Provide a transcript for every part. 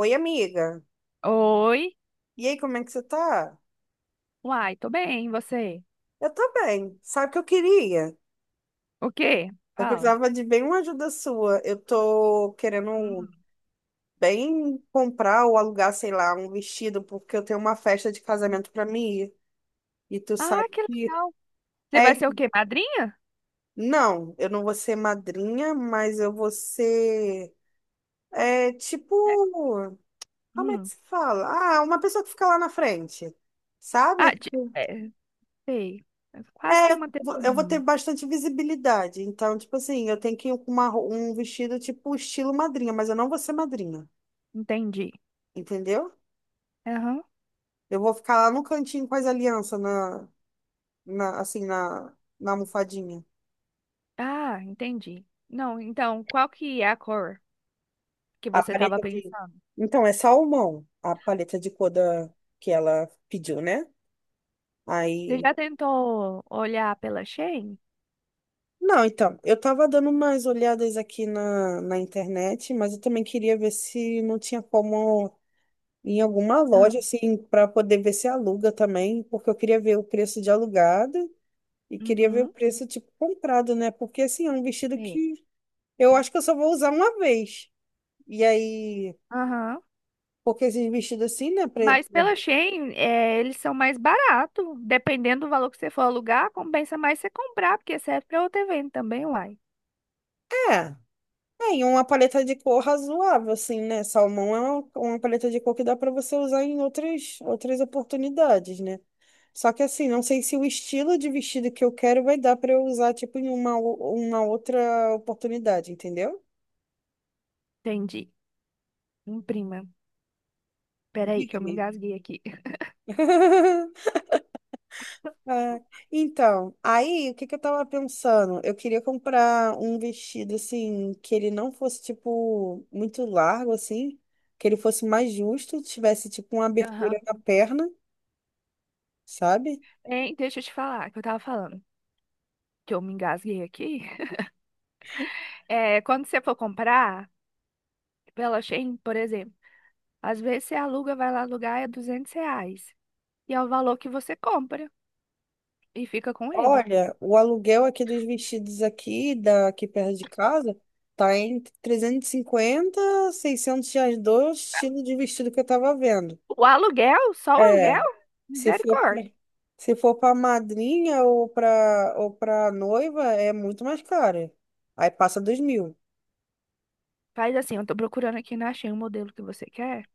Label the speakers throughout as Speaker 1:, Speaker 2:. Speaker 1: Oi, amiga.
Speaker 2: Oi?
Speaker 1: E aí, como é que você tá?
Speaker 2: Uai, tô bem, e você?
Speaker 1: Eu tô bem. Sabe o que eu queria?
Speaker 2: O quê?
Speaker 1: Eu
Speaker 2: Fala.
Speaker 1: precisava de bem uma ajuda sua. Eu tô querendo
Speaker 2: Hum,
Speaker 1: bem comprar ou alugar, sei lá, um vestido, porque eu tenho uma festa de casamento pra mim ir. E tu
Speaker 2: Ah,
Speaker 1: sabe
Speaker 2: que
Speaker 1: que...
Speaker 2: legal. Você vai
Speaker 1: É,
Speaker 2: ser o quê? Madrinha?
Speaker 1: não, eu não vou ser madrinha, mas eu vou ser... É, tipo...
Speaker 2: É.
Speaker 1: Como é que
Speaker 2: Hum.
Speaker 1: se fala? Ah, uma pessoa que fica lá na frente,
Speaker 2: Ah,
Speaker 1: sabe?
Speaker 2: é, sei. É quase que
Speaker 1: É,
Speaker 2: uma
Speaker 1: eu vou ter
Speaker 2: testemunha.
Speaker 1: bastante visibilidade. Então, tipo assim, eu tenho que ir com um vestido tipo estilo madrinha, mas eu não vou ser madrinha,
Speaker 2: Entendi.
Speaker 1: entendeu?
Speaker 2: Aham.
Speaker 1: Eu vou ficar lá no cantinho com as alianças na assim, na almofadinha.
Speaker 2: Ah, entendi. Não, então, qual que é a cor que
Speaker 1: A
Speaker 2: você tava
Speaker 1: paleta de...
Speaker 2: pensando?
Speaker 1: Então, é salmão, a paleta de cor da... que ela pediu, né?
Speaker 2: Você
Speaker 1: Aí...
Speaker 2: já tentou olhar pela Shein?
Speaker 1: Não, então, eu tava dando umas olhadas aqui na internet, mas eu também queria ver se não tinha como em alguma
Speaker 2: Ah,
Speaker 1: loja, assim, para poder ver se aluga também, porque eu queria ver o preço de alugado e queria ver o
Speaker 2: uhum.
Speaker 1: preço, tipo, comprado, né? Porque, assim, é um vestido
Speaker 2: Sei.
Speaker 1: que eu acho que eu só vou usar uma vez. E aí,
Speaker 2: Aham.
Speaker 1: porque esses vestidos assim, né?
Speaker 2: Mas pela Shein, é, eles são mais baratos. Dependendo do valor que você for alugar, compensa mais você comprar, porque serve para outro evento também, uai.
Speaker 1: É, é, e uma paleta de cor razoável, assim, né? Salmão é uma paleta de cor que dá para você usar em outras oportunidades, né? Só que assim, não sei se o estilo de vestido que eu quero vai dar para eu usar, tipo, em uma outra oportunidade, entendeu?
Speaker 2: Entendi. Imprima. Peraí, que eu me
Speaker 1: Diga-me.
Speaker 2: engasguei aqui.
Speaker 1: Ah, então, aí o que que eu tava pensando? Eu queria comprar um vestido assim, que ele não fosse tipo muito largo assim, que ele fosse mais justo, tivesse tipo uma
Speaker 2: Aham.
Speaker 1: abertura na perna, sabe?
Speaker 2: Hein, deixa eu te falar, que eu tava falando que eu me engasguei aqui. É, quando você for comprar pela Shein, por exemplo, às vezes você aluga, vai lá alugar, é R$ 200. E é o valor que você compra e fica com ele.
Speaker 1: Olha, o aluguel aqui dos vestidos aqui, daqui perto de casa, tá entre 350, R$ 600 dois estilo de vestido que eu tava vendo.
Speaker 2: O aluguel, só o
Speaker 1: É.
Speaker 2: aluguel,
Speaker 1: Se for pra,
Speaker 2: misericórdia.
Speaker 1: se for para madrinha ou para noiva, é muito mais cara. Aí passa 2.000.
Speaker 2: Faz assim, eu tô procurando aqui, não achei o modelo que você quer.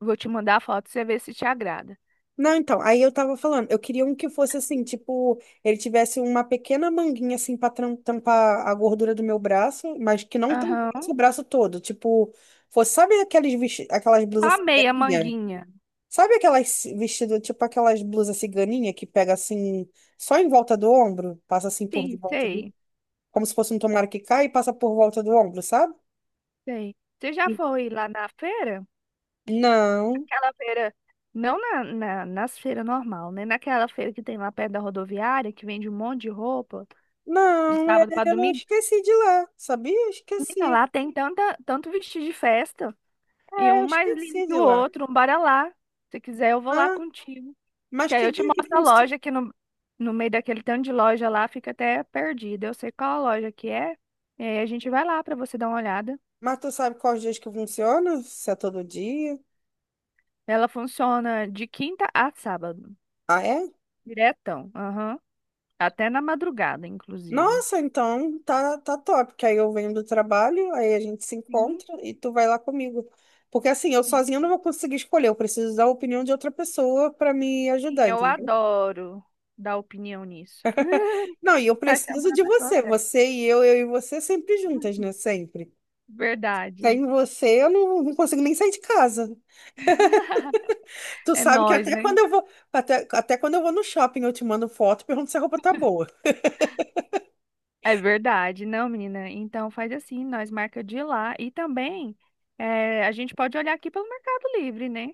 Speaker 2: Vou te mandar a foto pra você ver se te agrada.
Speaker 1: Não, então, aí eu tava falando, eu queria um que fosse assim, tipo, ele tivesse uma pequena manguinha assim para tampar a gordura do meu braço, mas que não tampasse
Speaker 2: Aham.
Speaker 1: o braço todo, tipo, fosse, sabe aquelas
Speaker 2: Só a
Speaker 1: blusas
Speaker 2: meia
Speaker 1: ciganinha?
Speaker 2: manguinha.
Speaker 1: Sabe aquelas vestido, tipo aquelas blusas ciganinha que pega assim só em volta do ombro, passa assim por de
Speaker 2: Sim,
Speaker 1: volta do
Speaker 2: sei,
Speaker 1: como se fosse um tomara que cai e passa por volta do ombro, sabe?
Speaker 2: sei. Você já foi lá na feira?
Speaker 1: Não,
Speaker 2: Aquela feira, não nas feiras normal, né? Naquela feira que tem lá perto da rodoviária, que vende um monte de roupa, de
Speaker 1: não,
Speaker 2: sábado pra
Speaker 1: eu
Speaker 2: domingo.
Speaker 1: esqueci de lá, sabia? Eu
Speaker 2: Menina,
Speaker 1: Esqueci,
Speaker 2: lá tem tanto vestido de festa, e
Speaker 1: é,
Speaker 2: um
Speaker 1: eu
Speaker 2: mais lindo
Speaker 1: esqueci
Speaker 2: que
Speaker 1: de
Speaker 2: o
Speaker 1: lá.
Speaker 2: outro, um bora lá. Se quiser, eu vou lá
Speaker 1: Ah,
Speaker 2: contigo.
Speaker 1: mas
Speaker 2: Que aí
Speaker 1: que
Speaker 2: eu te
Speaker 1: dia que
Speaker 2: mostro a
Speaker 1: funciona?
Speaker 2: loja que no meio daquele tanto de loja lá fica até perdida. Eu sei qual a loja que é. E aí a gente vai lá pra você dar uma olhada.
Speaker 1: Mas tu sabe quais dias que funciona? Se é todo dia?
Speaker 2: Ela funciona de quinta a sábado.
Speaker 1: Ah, é?
Speaker 2: Diretão. Aham. Até na madrugada, inclusive.
Speaker 1: Nossa, então tá, tá top, que aí eu venho do trabalho, aí a gente se
Speaker 2: Sim,
Speaker 1: encontra e tu vai lá comigo. Porque assim, eu sozinha não
Speaker 2: sim.
Speaker 1: vou conseguir escolher, eu preciso da opinião de outra pessoa para me
Speaker 2: Sim,
Speaker 1: ajudar.
Speaker 2: eu adoro dar opinião nisso.
Speaker 1: Não, e eu
Speaker 2: Tá
Speaker 1: preciso
Speaker 2: chamando a
Speaker 1: de
Speaker 2: pessoa
Speaker 1: você.
Speaker 2: certa.
Speaker 1: Você e eu e você sempre juntas, né? Sempre.
Speaker 2: Verdade.
Speaker 1: Sem você, eu não consigo nem sair de casa. Tu
Speaker 2: É
Speaker 1: sabe que
Speaker 2: nós,
Speaker 1: até
Speaker 2: né?
Speaker 1: quando eu vou, até quando eu vou no shopping, eu te mando foto e pergunto se a roupa tá boa.
Speaker 2: É verdade, não, menina. Então faz assim, nós marca de ir lá e também a gente pode olhar aqui pelo Mercado Livre, né?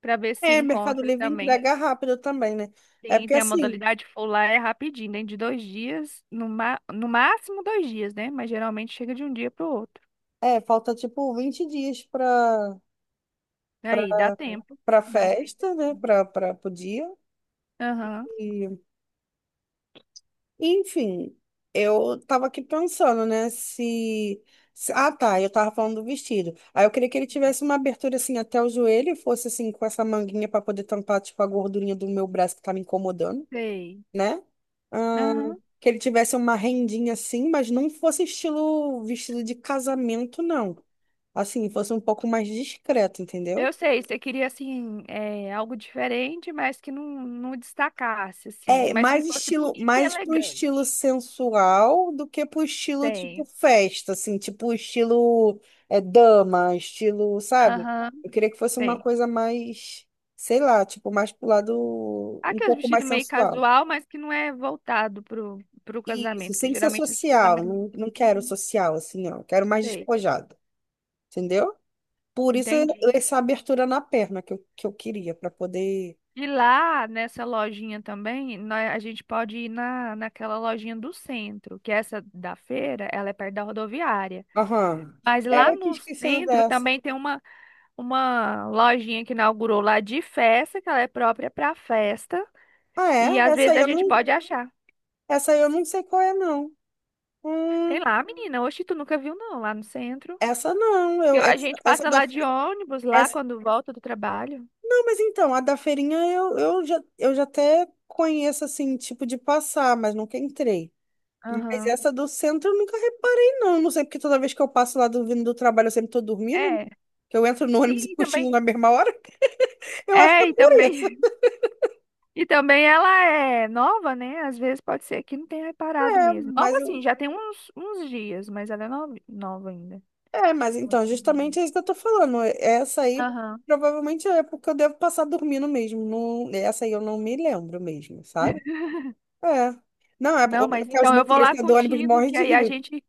Speaker 2: Para ver se
Speaker 1: É, Mercado
Speaker 2: encontra
Speaker 1: Livre
Speaker 2: também.
Speaker 1: entrega rápido também, né? É
Speaker 2: Sim,
Speaker 1: porque
Speaker 2: tem a
Speaker 1: assim,
Speaker 2: modalidade full lá, é rapidinho, dentro de 2 dias, no máximo 2 dias, né? Mas geralmente chega de um dia para o outro.
Speaker 1: é, falta tipo 20 dias pra,
Speaker 2: Aí, dá tempo.
Speaker 1: pra
Speaker 2: Dá tempo.
Speaker 1: festa, né? Pro dia.
Speaker 2: Aham,
Speaker 1: E Enfim, eu tava aqui pensando, né, ah, tá, eu tava falando do vestido. Aí eu queria que ele tivesse uma abertura, assim, até o joelho, e fosse, assim, com essa manguinha pra poder tampar, tipo, a gordurinha do meu braço que tá me incomodando,
Speaker 2: sei.
Speaker 1: né? Ah,
Speaker 2: Aham.
Speaker 1: que ele tivesse uma rendinha, assim, mas não fosse estilo vestido de casamento, não. Assim, fosse um pouco mais discreto, entendeu?
Speaker 2: Eu sei, você queria, assim, é, algo diferente, mas que não, não destacasse, assim.
Speaker 1: É,
Speaker 2: Mas que
Speaker 1: mais
Speaker 2: fosse
Speaker 1: estilo,
Speaker 2: bonito e
Speaker 1: mais pro estilo
Speaker 2: elegante.
Speaker 1: sensual do que pro estilo tipo
Speaker 2: Tenho.
Speaker 1: festa, assim, tipo estilo dama, estilo, sabe?
Speaker 2: Aham,
Speaker 1: Eu queria que fosse uma
Speaker 2: sei.
Speaker 1: coisa mais, sei lá, tipo, mais pro lado um
Speaker 2: Aqueles
Speaker 1: pouco mais
Speaker 2: vestidos meio
Speaker 1: sensual.
Speaker 2: casual, mas que não é voltado pro
Speaker 1: Isso,
Speaker 2: casamento, que
Speaker 1: sem ser
Speaker 2: geralmente esse
Speaker 1: social,
Speaker 2: casamento...
Speaker 1: não quero
Speaker 2: Uhum.
Speaker 1: social, assim, ó, quero mais
Speaker 2: Sei.
Speaker 1: despojado, entendeu? Por isso
Speaker 2: Entendi.
Speaker 1: essa abertura na perna que eu queria, pra poder.
Speaker 2: E lá nessa lojinha também, a gente pode ir naquela lojinha do centro, que é essa da feira, ela é perto da rodoviária.
Speaker 1: Aham.
Speaker 2: Mas
Speaker 1: É,
Speaker 2: lá
Speaker 1: eu tinha
Speaker 2: no
Speaker 1: esquecido
Speaker 2: centro
Speaker 1: dessa.
Speaker 2: também tem uma lojinha que inaugurou lá de festa, que ela é própria para festa.
Speaker 1: Ah,
Speaker 2: E
Speaker 1: é?
Speaker 2: às
Speaker 1: Essa
Speaker 2: vezes
Speaker 1: aí
Speaker 2: a
Speaker 1: eu
Speaker 2: gente
Speaker 1: não,
Speaker 2: pode achar.
Speaker 1: essa aí eu não
Speaker 2: Sim.
Speaker 1: sei qual é, não.
Speaker 2: Tem
Speaker 1: Hum,
Speaker 2: lá, menina. Oxe, tu nunca viu, não, lá no centro.
Speaker 1: essa não. Eu,
Speaker 2: Eu A
Speaker 1: essa,
Speaker 2: gente
Speaker 1: essa
Speaker 2: passa
Speaker 1: da.
Speaker 2: lá de
Speaker 1: Fe-
Speaker 2: ônibus, lá
Speaker 1: Essa,
Speaker 2: quando volta do trabalho.
Speaker 1: não, mas então, a da feirinha eu já até conheço, assim, tipo de passar, mas nunca entrei. Mas
Speaker 2: Aham.
Speaker 1: essa do centro eu nunca reparei, não. Não sei porque toda vez que eu passo lá vindo do trabalho eu sempre tô dormindo.
Speaker 2: É,
Speaker 1: Que eu entro no ônibus e
Speaker 2: sim, e
Speaker 1: cochilo
Speaker 2: também.
Speaker 1: na mesma hora. Eu acho que é
Speaker 2: É, e
Speaker 1: por isso.
Speaker 2: também. E também ela é nova, né? Às vezes pode ser que não tenha reparado
Speaker 1: É,
Speaker 2: mesmo. Nova
Speaker 1: mas
Speaker 2: assim,
Speaker 1: eu,
Speaker 2: já tem uns dias, mas ela é nova nova ainda.
Speaker 1: É, mas então,
Speaker 2: Posso dizer.
Speaker 1: justamente é isso que eu tô falando. Essa aí
Speaker 2: Aham.
Speaker 1: provavelmente é porque eu devo passar dormindo mesmo. Não, essa aí eu não me lembro mesmo, sabe? É. Não, é
Speaker 2: Não, mas
Speaker 1: porque os
Speaker 2: então eu vou lá
Speaker 1: motoristas do ônibus
Speaker 2: contigo,
Speaker 1: morrem
Speaker 2: que
Speaker 1: de
Speaker 2: aí a
Speaker 1: rir.
Speaker 2: gente.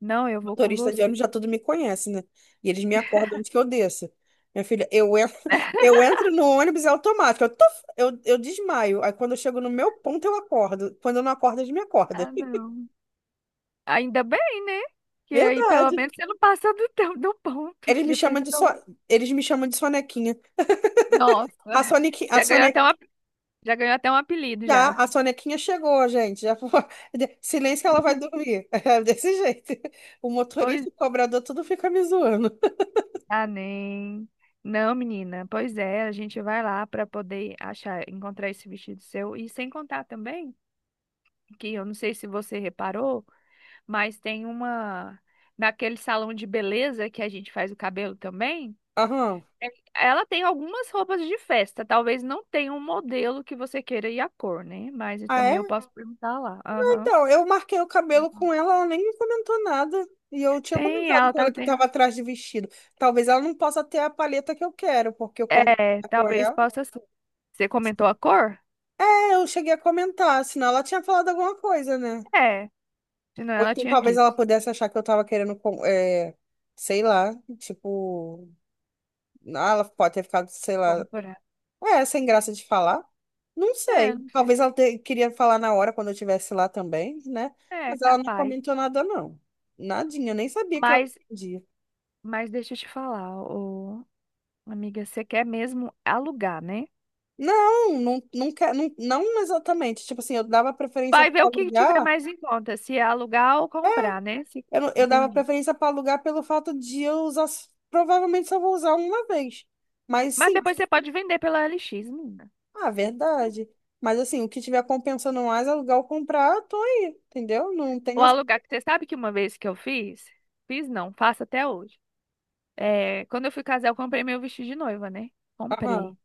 Speaker 2: Não, eu vou com
Speaker 1: Motorista de
Speaker 2: você.
Speaker 1: ônibus já tudo me conhece, né? E eles me acordam antes que eu desça. Minha filha, eu entro no ônibus, é automático. Eu desmaio. Aí quando eu chego no meu ponto, eu acordo. Quando eu não acordo, eles me acordam.
Speaker 2: Ah, não. Ainda bem, né? Que aí pelo
Speaker 1: Verdade.
Speaker 2: menos você não passa do, do ponto,
Speaker 1: Eles
Speaker 2: que
Speaker 1: me
Speaker 2: já
Speaker 1: chamam de, so...
Speaker 2: pensou.
Speaker 1: eles me chamam de sonequinha.
Speaker 2: Nossa,
Speaker 1: A Sonic, a
Speaker 2: já ganhou até um,
Speaker 1: Sonequinha
Speaker 2: ap- já ganhou até um apelido
Speaker 1: Já,
Speaker 2: já.
Speaker 1: a sonequinha chegou, gente. Já foi. Silêncio que ela vai dormir. É desse jeito. O
Speaker 2: Pois.
Speaker 1: motorista, o cobrador, tudo fica me zoando.
Speaker 2: Ah, nem. Não, menina. Pois é, a gente vai lá para poder achar, encontrar esse vestido seu. E sem contar também, que eu não sei se você reparou, mas tem uma. Naquele salão de beleza que a gente faz o cabelo também,
Speaker 1: Aham.
Speaker 2: é- ela tem algumas roupas de festa. Talvez não tenha um modelo que você queira e a cor, né? Mas
Speaker 1: Ah,
Speaker 2: também
Speaker 1: é?
Speaker 2: eu posso perguntar lá. Aham.
Speaker 1: Então, eu marquei o cabelo com ela, ela nem me comentou nada. E eu tinha
Speaker 2: Tem,
Speaker 1: comentado
Speaker 2: ela
Speaker 1: com
Speaker 2: tá
Speaker 1: ela que
Speaker 2: tendo.
Speaker 1: estava atrás de vestido. Talvez ela não possa ter a paleta que eu quero, porque eu comentei
Speaker 2: É,
Speaker 1: com
Speaker 2: talvez
Speaker 1: ela.
Speaker 2: possa ser. Você comentou a cor?
Speaker 1: É, eu cheguei a comentar, senão ela tinha falado alguma coisa, né?
Speaker 2: É, senão
Speaker 1: Ou
Speaker 2: ela
Speaker 1: então
Speaker 2: tinha
Speaker 1: talvez ela
Speaker 2: dito.
Speaker 1: pudesse achar que eu tava querendo, sei lá, tipo, ah, ela pode ter ficado, sei lá.
Speaker 2: Comprar.
Speaker 1: É, sem graça de falar. Não
Speaker 2: É,
Speaker 1: sei.
Speaker 2: não sei.
Speaker 1: Talvez ela queria falar na hora quando eu estivesse lá também, né?
Speaker 2: É,
Speaker 1: Mas ela não
Speaker 2: capaz.
Speaker 1: comentou nada, não. Nadinha, eu nem sabia que ela
Speaker 2: Mas,
Speaker 1: podia.
Speaker 2: mas deixa eu te falar, ô, amiga, você quer mesmo alugar, né?
Speaker 1: Não, não, não, não, não exatamente. Tipo assim, eu dava preferência
Speaker 2: Vai
Speaker 1: para
Speaker 2: ver o que tiver
Speaker 1: alugar.
Speaker 2: mais em conta, se é alugar ou comprar, né? Se-
Speaker 1: Eu, não- eu dava
Speaker 2: Entendi.
Speaker 1: preferência para alugar pelo fato de eu usar. Provavelmente só vou usar uma vez. Mas
Speaker 2: Mas
Speaker 1: sim,
Speaker 2: depois você pode vender pela LX, menina.
Speaker 1: ah, verdade. Mas assim, o que tiver compensando mais alugar ou comprar, eu tô aí, entendeu? Não tenho.
Speaker 2: Ou alugar, que você sabe que uma vez que eu fiz, fiz não, faço até hoje. É, quando eu fui casar, eu comprei meu vestido de noiva, né? Comprei.
Speaker 1: Aham,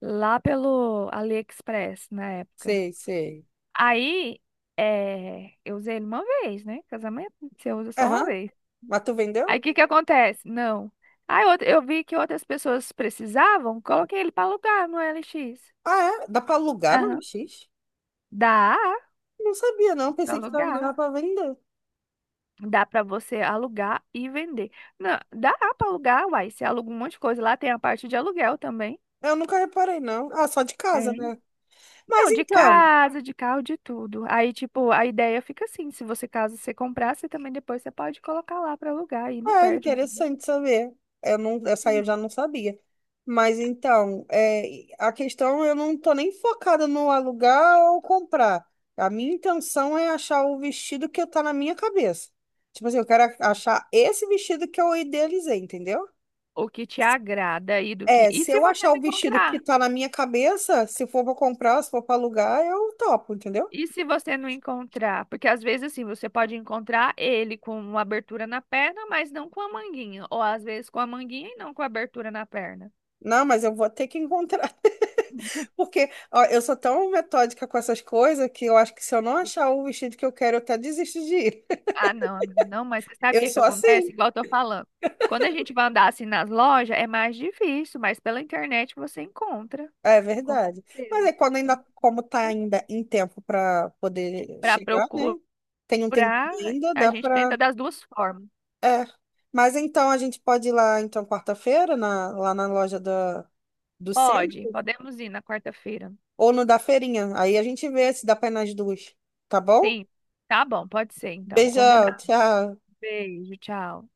Speaker 2: Lá pelo AliExpress, na época.
Speaker 1: sei, sei.
Speaker 2: Aí, é, eu usei ele uma vez, né? Casamento, você usa só uma
Speaker 1: Aham.
Speaker 2: vez.
Speaker 1: Mas tu vendeu?
Speaker 2: Aí o que que acontece? Não. Eu vi que outras pessoas precisavam, coloquei ele para alugar no LX.
Speaker 1: Ah, é? Dá pra alugar no
Speaker 2: Aham.
Speaker 1: LX?
Speaker 2: Dá
Speaker 1: Não sabia, não.
Speaker 2: para
Speaker 1: Pensei que dava
Speaker 2: alugar.
Speaker 1: pra vender.
Speaker 2: Dá para você alugar e vender. Não, dá para alugar, uai. Você aluga um monte de coisa. Lá tem a parte de aluguel também.
Speaker 1: Eu nunca reparei, não. Ah, só de casa,
Speaker 2: Tem.
Speaker 1: né? Mas
Speaker 2: Não, de
Speaker 1: então,
Speaker 2: casa, de carro, de tudo. Aí, tipo, a ideia fica assim: se você, caso você comprar, você também depois você pode colocar lá para alugar e não
Speaker 1: é
Speaker 2: perde, entendeu?
Speaker 1: interessante saber. Eu não, essa aí eu já
Speaker 2: Hum.
Speaker 1: não sabia. Mas então, a questão eu não tô nem focada no alugar ou comprar. A minha intenção é achar o vestido que tá na minha cabeça. Tipo assim, eu quero achar esse vestido que eu idealizei, entendeu?
Speaker 2: O que te agrada aí do que.
Speaker 1: É,
Speaker 2: E
Speaker 1: se
Speaker 2: se
Speaker 1: eu
Speaker 2: você
Speaker 1: achar
Speaker 2: me
Speaker 1: o vestido que
Speaker 2: comprar?
Speaker 1: tá na minha cabeça, se for pra comprar, se for pra alugar, eu topo, entendeu?
Speaker 2: E se você não encontrar? Porque às vezes, assim, você pode encontrar ele com uma abertura na perna, mas não com a manguinha. Ou às vezes com a manguinha e não com a abertura na perna.
Speaker 1: Não, mas eu vou ter que encontrar. Porque, ó, eu sou tão metódica com essas coisas que eu acho que se eu não achar o vestido que eu quero, eu até desisto de ir.
Speaker 2: Ah, não, amiga, não, mas você sabe o
Speaker 1: Eu
Speaker 2: que que
Speaker 1: sou
Speaker 2: acontece?
Speaker 1: assim.
Speaker 2: Igual eu tô falando. Quando a gente vai andar assim nas lojas, é mais difícil, mas pela internet você encontra,
Speaker 1: É
Speaker 2: com
Speaker 1: verdade. Mas
Speaker 2: certeza.
Speaker 1: é quando ainda, como tá ainda em tempo para poder
Speaker 2: Para
Speaker 1: chegar,
Speaker 2: procurar,
Speaker 1: né? Tem um tempo ainda,
Speaker 2: a
Speaker 1: dá
Speaker 2: gente
Speaker 1: pra.
Speaker 2: tenta das duas formas.
Speaker 1: É. Mas então a gente pode ir lá, então, quarta-feira, lá na loja do
Speaker 2: Pode,
Speaker 1: centro.
Speaker 2: podemos ir na quarta-feira.
Speaker 1: Ou no da feirinha. Aí a gente vê se dá pra ir nas duas. Tá bom?
Speaker 2: Sim, tá bom, pode ser então,
Speaker 1: Beijão,
Speaker 2: combinado.
Speaker 1: tchau.
Speaker 2: Beijo, tchau.